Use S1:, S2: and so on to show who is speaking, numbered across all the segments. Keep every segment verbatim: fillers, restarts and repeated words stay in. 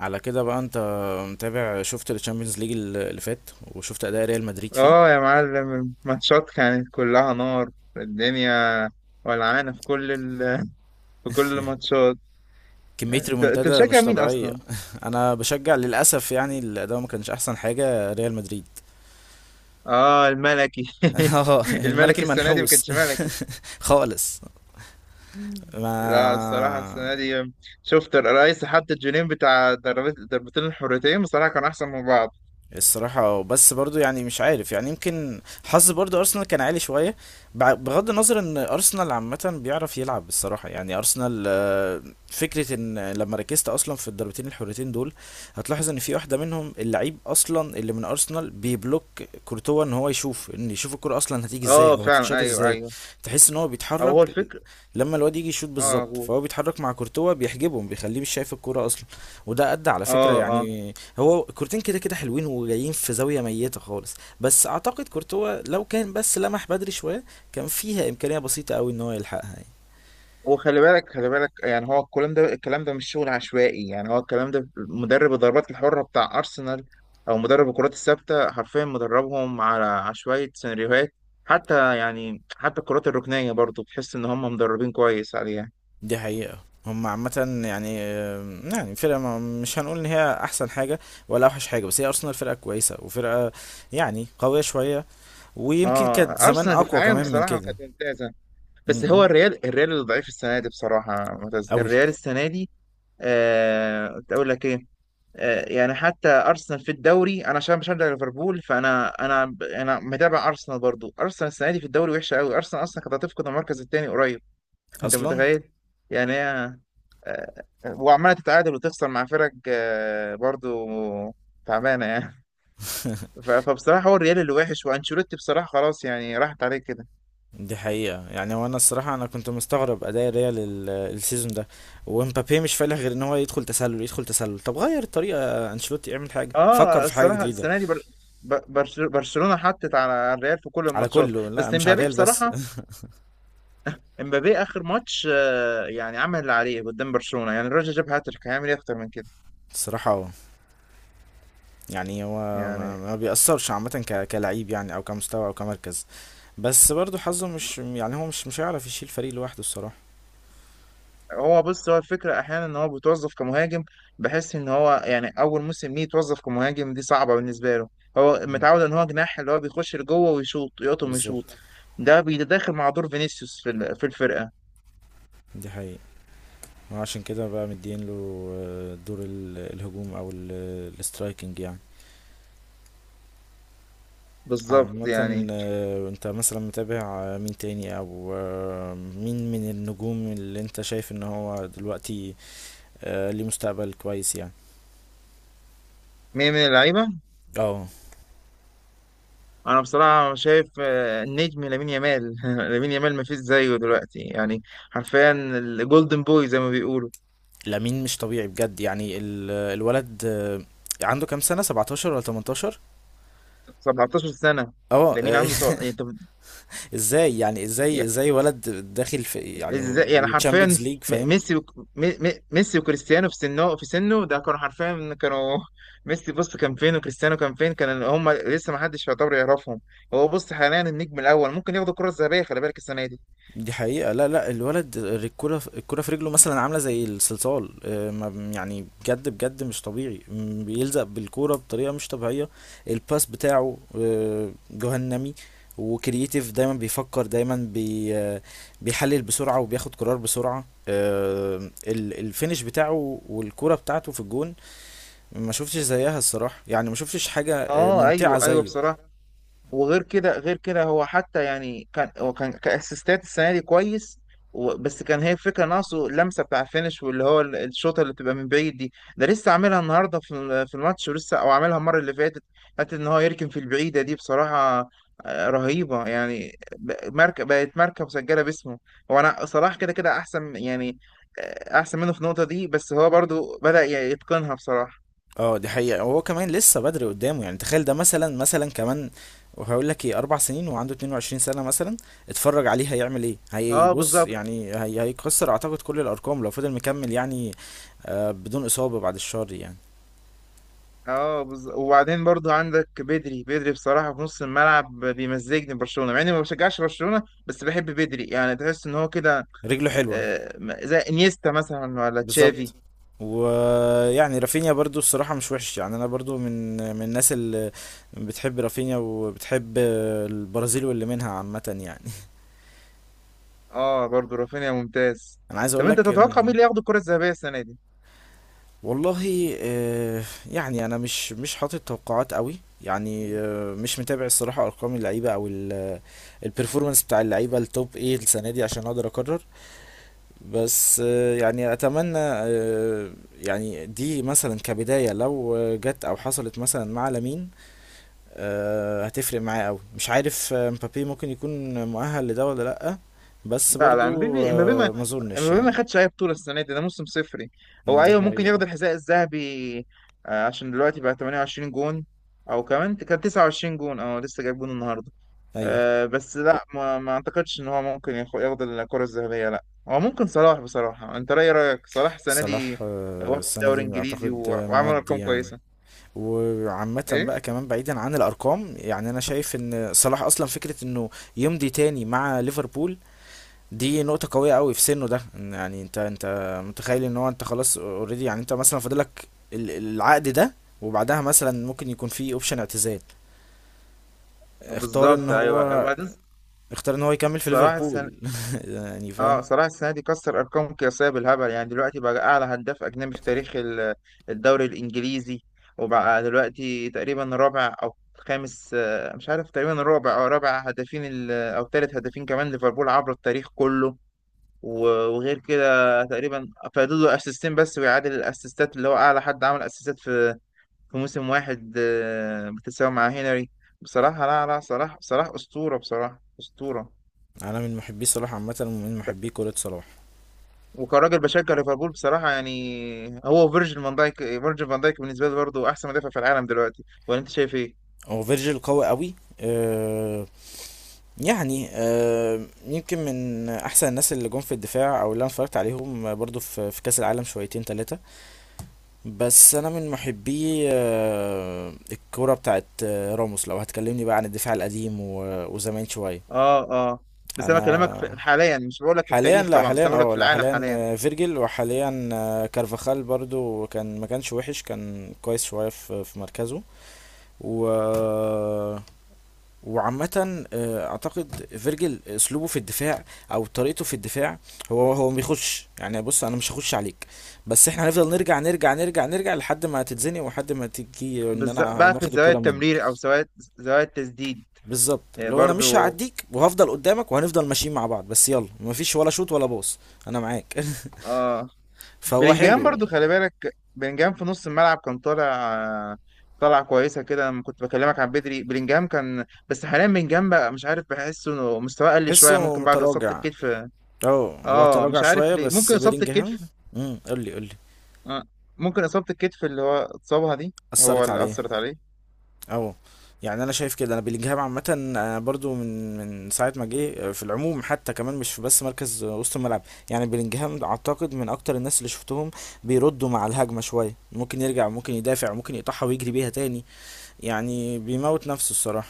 S1: على كده بقى، انت متابع؟ شفت الشامبيونز ليج اللي فات وشفت اداء ريال مدريد فيه؟
S2: اه يا معلم، الماتشات كانت كلها نار. الدنيا ولعانة في كل ال... في كل الماتشات.
S1: كمية
S2: انت انت
S1: ريمونتادا
S2: بتشجع
S1: مش
S2: مين
S1: طبيعية.
S2: اصلا؟
S1: انا بشجع للاسف، يعني الاداء ما كانش احسن حاجة ريال مدريد.
S2: اه الملكي.
S1: اه الملك
S2: الملكي السنة دي ما
S1: المنحوس.
S2: كانش ملكي.
S1: خالص.
S2: لا، الصراحة
S1: ما
S2: السنة دي شفت الرئيس حط الجونين بتاع ضربت- ضربتين الحرتين، بصراحة كانوا أحسن من بعض.
S1: الصراحة بس برضو، يعني مش عارف، يعني يمكن حظ برضو أرسنال كان عالي شوية. بع- بغض النظر إن أرسنال عامة بيعرف يلعب الصراحة، يعني أرسنال فكرة ان لما ركزت اصلا في الضربتين الحرتين دول، هتلاحظ ان في واحدة منهم اللعيب اصلا اللي من ارسنال بيبلوك كورتوا ان هو يشوف، ان يشوف الكرة اصلا هتيجي ازاي
S2: اه
S1: او
S2: فعلا،
S1: هتتشاط
S2: أيوه،
S1: ازاي.
S2: أيوه.
S1: تحس ان هو
S2: أو هو
S1: بيتحرك،
S2: الفكر.
S1: لما الواد يجي يشوط
S2: اه
S1: بالظبط
S2: جول.
S1: فهو بيتحرك مع كورتوا، بيحجبهم، بيخليه مش شايف الكرة اصلا. وده ادى على فكرة،
S2: اه، اه.
S1: يعني هو الكورتين كده كده حلوين وجايين في زاوية ميتة خالص. بس اعتقد كورتوا لو كان بس لمح بدري شوية كان فيها امكانية بسيطة قوي ان هو يلحقها.
S2: وخلي بالك، خلي بالك، يعني هو الكلام ده الكلام ده مش شغل عشوائي، يعني هو الكلام ده مدرب الضربات الحرة بتاع أرسنال أو مدرب الكرات الثابتة، حرفيا مدربهم على عشوائية سيناريوهات. حتى يعني حتى الكرات الركنية برضو بتحس إن هم مدربين كويس عليها.
S1: دي حقيقة. هم عامة يعني يعني فرقة ما- مش هنقول ان هي احسن حاجة ولا اوحش حاجة، بس هي ارسنال فرقة كويسة وفرقة، يعني قوية شوية، ويمكن
S2: اه
S1: كانت زمان
S2: أرسنال
S1: اقوى
S2: دفاعيا
S1: كمان من
S2: بصراحة
S1: كده.
S2: كانت ممتازة،
S1: م-
S2: بس هو
S1: م.
S2: الريال الريال اللي ضعيف السنة دي بصراحة معتز.
S1: قوي
S2: الريال السنة دي آه كنت أقول لك إيه. آه، يعني حتى ارسنال في الدوري، انا عشان بشجع ليفربول فانا انا ب- انا متابع ارسنال برضو. ارسنال السنه دي في الدوري وحشه قوي، ارسنال اصلا كانت هتفقد المركز الثاني قريب. انت
S1: اصلا.
S2: متخيل يعني هي آه، وعماله تتعادل وتخسر مع فرق آه، برضو تعبانه يعني. ف- فبصراحه هو الريال اللي وحش، وانشيلوتي بصراحه خلاص يعني راحت عليه كده.
S1: دي حقيقة. يعني هو انا الصراحة، انا كنت مستغرب اداء ريال ال- السيزون ده، ومبابي مش فالح غير ان هو يدخل تسلل يدخل تسلل. طب غير الطريقة، انشيلوتي اعمل حاجة، فكر
S2: اه
S1: في حاجة
S2: الصراحه
S1: جديدة.
S2: السنه دي بر... ب- برش- برشلونه حطت على الريال في كل
S1: على
S2: الماتشات.
S1: كله، لا،
S2: بس
S1: مش على
S2: امبابي
S1: ريال بس.
S2: بصراحه، امبابي اخر ماتش آه، يعني عمل اللي عليه قدام برشلونه، يعني الراجل جاب هاتريك، هيعمل ايه اكتر من كده؟
S1: الصراحة، يعني هو ما
S2: يعني
S1: ما بيأثرش عامة ك- كلعيب، يعني او كمستوى او كمركز. بس برضو حظه مش، يعني هو مش مش هيعرف يشيل فريق لوحده الصراحة.
S2: هو بص، هو الفكره احيانا ان هو بيتوظف كمهاجم، بحس ان هو يعني اول موسم ليه يتوظف كمهاجم دي صعبه بالنسبه له. هو
S1: مم.
S2: متعود ان هو جناح اللي هو بيخش لجوه ويشوط، يقطم ويشوط.
S1: بالظبط.
S2: ده بيتداخل مع دور فينيسيوس في ال- في الفرقه،
S1: دي حقيقة. وعشان كده بقى مدين له آه، دور ال- الهجوم او ال- الاسترايكنج يعني.
S2: بالظبط
S1: عامة،
S2: يعني.
S1: آه، انت مثلا متابع، آه، مين تاني، او آه، مين من النجوم اللي انت شايف ان هو دلوقتي آه، ليه مستقبل كويس يعني؟
S2: مين من اللعيبه؟
S1: اه،
S2: انا بصراحه شايف آه، النجم لامين يامال. لامين يامال مفيش زيه دلوقتي يعني، حرفيا الجولدن بوي زي ما بيقولوا.
S1: لامين مش طبيعي بجد، يعني ال- الولد آه، عنده كام سنة، سبعتاشر ولا تمنتاشر؟
S2: سبعتاشر سنة.
S1: اه،
S2: لامين
S1: آه،
S2: عنده سبع... يعني طب،
S1: ازاي، يعني ازاي
S2: يعني
S1: ازاي ولد داخل في، يعني
S2: ازاي يعني حرفيا
S1: تشامبيونز ليج
S2: م-
S1: فاهم؟
S2: ميسي وك... م... م- ميسي وكريستيانو في سنه في سنه ده كانوا حرفيا، كانوا ميسي بص كان فين، وكريستيانو كان فين، كان هم لسه ما حدش يعتبر يعرفهم. هو بص حاليا النجم الاول، ممكن ياخدوا الكرة الذهبية، خلي بالك السنة دي.
S1: دي حقيقة. لا لا، الولد الكرة في- الكرة في رجله مثلا عاملة زي الصلصال، آه، ما- يعني بجد بجد مش طبيعي، م، بيلزق بالكرة بطريقة مش طبيعية. الباس بتاعه آه، جهنمي. وكرييتيف، دايما بيفكر، دايما بي آه، بيحلل بسرعة، وبياخد قرار بسرعة. آه، ال- الفينش بتاعه والكرة بتاعته في الجون، ما شفتش زيها الصراحة، يعني ما شفتش حاجة آه،
S2: اه
S1: ممتعة
S2: ايوه، ايوه
S1: زيه.
S2: بصراحة. وغير كده، غير كده هو حتى يعني كان هو كان كاسيستات السنه دي كويس، و- بس كان هي الفكره ناقصه اللمسه بتاع الفينش، واللي هو ال- الشوطه اللي بتبقى من بعيد دي. ده لسه عاملها النهارده في ال- في الماتش، ولسه او عاملها المره اللي فاتت. حتى ان هو يركن في البعيده دي بصراحه آه، رهيبه يعني. ب- ماركه، بقت ماركه مسجله باسمه. هو انا صلاح كده كده احسن يعني، آه، احسن منه في النقطه دي، بس هو برضو بدأ يتقنها بصراحه.
S1: اه دي حقيقة. هو كمان لسه بدري قدامه، يعني تخيل ده مثلا مثلا كمان وهقول لك ايه، اربع سنين وعنده اتنين وعشرين سنة مثلا، اتفرج عليه هيعمل ايه.
S2: اه
S1: هيبص،
S2: بالظبط.
S1: يعني هي هيكسر اعتقد كل الارقام لو فضل مكمل يعني. آه بدون اصابة بعد الشر يعني.
S2: اه بز... وبعدين برضو عندك بدري، بدري بصراحة في نص الملعب بيمزجني برشلونة مع اني ما بشجعش برشلونة، بس بحب بدري يعني، تحس ان هو كده
S1: رجله حلوة
S2: آه، م- زي انيستا مثلا ولا تشافي.
S1: بالظبط. ويعني رافينيا برضو الصراحة مش وحش، يعني أنا برضو من من الناس اللي بتحب رافينيا وبتحب البرازيل واللي منها عامة يعني.
S2: اه برضو رافينيا ممتاز.
S1: أنا عايز
S2: طب
S1: أقول
S2: انت
S1: لك
S2: تتوقع مين
S1: إن،
S2: اللي ياخد الكرة الذهبية السنة دي؟
S1: والله، آه، يعني انا مش مش حاطط توقعات قوي، يعني آه، مش متابع الصراحه ارقام اللعيبه او البرفورمانس بتاع اللعيبه التوب ايه السنه دي عشان اقدر اقرر. بس آه، يعني اتمنى، آه، يعني دي مثلا كبدايه لو آه، جت او حصلت مثلا مع لامين، آه، هتفرق معاه قوي. مش عارف، آه، مبابي ممكن يكون مؤهل لده ولا لا؟ بس
S2: لا، لا،
S1: برضو
S2: امبابي امبابي ما
S1: آه، ما اظنش
S2: امبابي ما
S1: يعني.
S2: خدش اي بطوله السنه دي، ده موسم صفري. هو
S1: دي
S2: ايوه ممكن ياخد
S1: حقيقة،
S2: الحذاء الذهبي آه، عشان دلوقتي بقى تمنية وعشرين جون، او كمان كان تسعة وعشرين جون، اه لسه جايب جون النهارده.
S1: ايوه.
S2: آه، بس لا، ما, ما اعتقدش ان هو ممكن ياخ- ياخد الكره الذهبيه، لا هو ممكن صلاح بصراحه. انت راي رايك صلاح السنه
S1: صلاح
S2: دي،
S1: آه،
S2: واخد
S1: السنة
S2: الدوري
S1: دي
S2: الانجليزي
S1: أعتقد
S2: و-
S1: آه،
S2: وعمل
S1: مودي
S2: ارقام
S1: يعني.
S2: كويسه.
S1: وعامة
S2: ايه؟
S1: بقى كمان بعيدا عن الأرقام، يعني أنا شايف إن صلاح أصلا فكرة إنه يمضي تاني مع ليفربول، دي نقطة قوية قوي في سنه ده. إن يعني أنت أنت متخيل إن هو أنت خلاص أوريدي، يعني أنت مثلا فاضلك ال- العقد ده، وبعدها مثلا ممكن يكون في اوبشن اعتزال، اختار ان
S2: بالظبط، ايوه.
S1: هو
S2: وبعدين
S1: اختار ان هو يكمل في
S2: صلاح السنه
S1: ليفربول. يعني فاهم.
S2: اه صلاح السنه دي كسر ارقام قياسيه بالهبل، يعني دلوقتي بقى اعلى هداف اجنبي في تاريخ ال- الدوري الانجليزي. وبقى دلوقتي تقريبا رابع او خامس، آه، مش عارف، تقريبا رابع او رابع هدافين ال- او ثالث هدافين كمان ليفربول عبر التاريخ كله. و- وغير كده تقريبا فاضل له اسيستين بس، ويعادل الاسيستات اللي هو اعلى حد عمل اسيستات في في موسم واحد، آه، بتساوي مع هنري. بصراحه لا، لا، صلاح، صلاح اسطوره بصراحه، اسطوره.
S1: انا من محبي صلاح عامه، ومن محبي كرة صلاح.
S2: وكراجل بشجع ليفربول بصراحة، يعني هو فيرجيل فان دايك، فيرجيل فان دايك بالنسبة لي برضه أحسن مدافع في العالم دلوقتي، ولا أنت شايف إيه؟
S1: هو فيرجيل قوي قوي، يعني آه، يمكن من احسن الناس اللي جم في الدفاع، او اللي انا اتفرجت عليهم آه، برضو في في كاس العالم شويتين ثلاثه. بس انا من محبي آه، الكوره بتاعت آه، راموس، لو هتكلمني بقى عن الدفاع القديم و- وزمان شويه.
S2: آه، آه. بس أنا بكلمك
S1: انا
S2: في- حاليا، مش بقول لك في
S1: حاليا،
S2: التاريخ
S1: لا
S2: طبعا،
S1: حاليا،
S2: بس أنا بقول لك
S1: اه
S2: في
S1: لا
S2: العالم
S1: حاليا،
S2: حاليا.
S1: آه، فيرجيل. وحاليا آه، كارفاخال برضو، كان ما كانش وحش، كان كويس شويه في في مركزه. و وعامة، آه، أعتقد فيرجل أسلوبه في الدفاع، أو طريقته في الدفاع، هو هو ما بيخش. يعني بص، أنا مش هخش عليك، بس إحنا هنفضل نرجع نرجع نرجع نرجع لحد ما تتزنق، ولحد ما تيجي إن
S2: بالظبط،
S1: أنا
S2: بقى في
S1: واخد
S2: زوايا
S1: الكرة منك.
S2: التمرير أو زوايا زوايا التسديد
S1: بالظبط.
S2: آه،
S1: لو أنا مش
S2: برضه.
S1: هعديك وهفضل قدامك، وهنفضل ماشيين مع بعض، بس يلا، مفيش ولا شوط ولا باص. أنا معاك.
S2: آه.
S1: فهو
S2: بلينجهام
S1: حلو.
S2: برضه، خلي بالك بلينجهام في نص الملعب كان طالع آه، طالع كويسة كده، لما كنت بكلمك عن بدري، بلينجهام كان. بس حاليا بلينجهام بقى مش عارف، بحسه إنه مستواه قل شوية،
S1: حسه
S2: ممكن بعد إصابة
S1: متراجع.
S2: الكتف.
S1: اه هو
S2: اه
S1: تراجع
S2: مش عارف
S1: شوية،
S2: ليه،
S1: بس
S2: ممكن اصابة
S1: بيلينجهام.
S2: الكتف.
S1: امم قول لي قول لي.
S2: آه. ممكن اصابة الكتف اللي هو اتصابها دي، هو
S1: أثرت
S2: اللي
S1: عليه.
S2: اثرت عليه.
S1: اه، يعني انا شايف كده. انا بلينجهام عامه آه، برضو من من ساعه ما جه، آه، في العموم حتى كمان، مش في بس مركز آه، وسط الملعب. يعني بلينجهام اعتقد من اكتر الناس اللي شفتهم بيردوا مع الهجمه شويه، ممكن يرجع، ممكن يدافع، ممكن يقطعها ويجري بيها تاني، يعني بيموت نفسه الصراحه.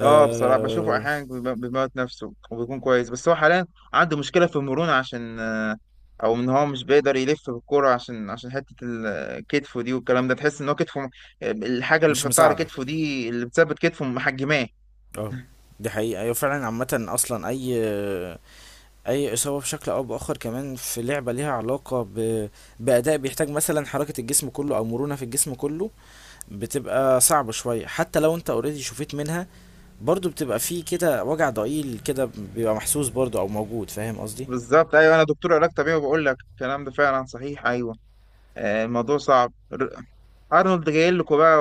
S2: اه بصراحة بشوفه احيانا بيم- بيموت نفسه وبيكون كويس، بس هو حاليا عنده مشكلة في المرونة عشان آه، او ان هو مش بيقدر يلف بالكرة، عشان عشان حتة ال- كتفه دي والكلام ده. تحس ان هو كتفه، الحاجة اللي
S1: مش
S2: بيحطها على
S1: مساعده على كده.
S2: كتفه دي اللي بتثبت كتفه محجماه.
S1: اه دي حقيقة، أيوة فعلا. عامة أصلا، أي أي إصابة بشكل أو بآخر، كمان في لعبة ليها علاقة ب... بأداء بيحتاج مثلا حركة الجسم كله أو مرونة في الجسم كله، بتبقى صعبة شوية. حتى لو انت اوريدي شفيت منها، برضو بتبقى في كده وجع ضئيل كده، بيبقى محسوس برضو او موجود، فاهم قصدي؟
S2: بالظبط ايوه، انا دكتور علاج طبيعي وبقول لك الكلام ده فعلا صحيح، ايوه. آه، الموضوع صعب. ارنولد جاي لكم بقى،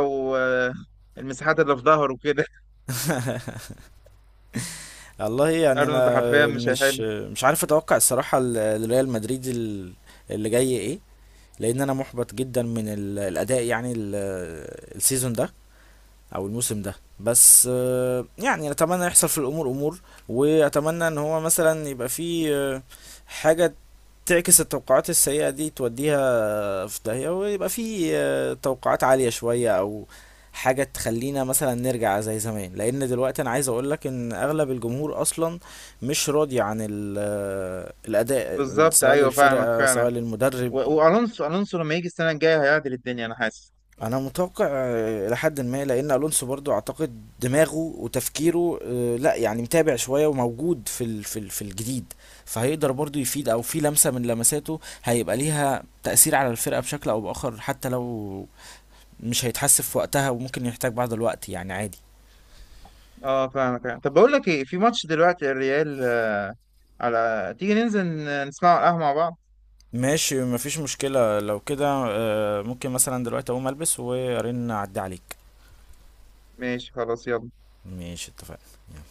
S2: والمساحات اللي في ظهره وكده.
S1: والله، يعني
S2: ارنولد
S1: انا
S2: حرفيا مش
S1: مش
S2: هيحل.
S1: مش عارف اتوقع الصراحة ال- الريال مدريد ال- اللي جاي ايه، لان انا محبط جدا من ال- الاداء، يعني ال- السيزون ده، او الموسم ده. بس آه، يعني اتمنى يحصل في الامور امور، واتمنى ان هو مثلا يبقى في آه، حاجة تعكس التوقعات السيئة دي، توديها في داهية، ويبقى في آه، توقعات عالية شوية، او حاجة تخلينا مثلا نرجع زي زمان. لان دلوقتي انا عايز اقولك ان اغلب الجمهور اصلا مش راضي عن ال- آه، الاداء،
S2: بالظبط
S1: سواء
S2: ايوه، فاهمك
S1: للفرقة سواء
S2: فعلا.
S1: للمدرب.
S2: و- والونسو الونسو لما يجي السنه الجايه هيعدل الدنيا، انا حاسس.
S1: انا متوقع آه، الى حد ما، لان الونسو برضو اعتقد دماغه وتفكيره آه، لا يعني متابع شوية، وموجود في ال- في ال- في الجديد، فهيقدر برضو يفيد، او في لمسة من لمساته هيبقى ليها تأثير على الفرقة بشكل او بآخر، حتى لو مش هيتحسب في وقتها وممكن يحتاج بعض الوقت، يعني عادي.
S2: اه فاهمك يعني. طب بقول لك ايه، في ماتش دلوقتي الريال آه، على، تيجي ننزل ن- نسمعه على القهوه مع بعض؟
S1: ماشي، مفيش مشكلة لو كده. آه، ممكن مثلا دلوقتي اقوم البس وارن، اعدي عليك.
S2: ماشي خلاص، يلا.
S1: ماشي، اتفقنا.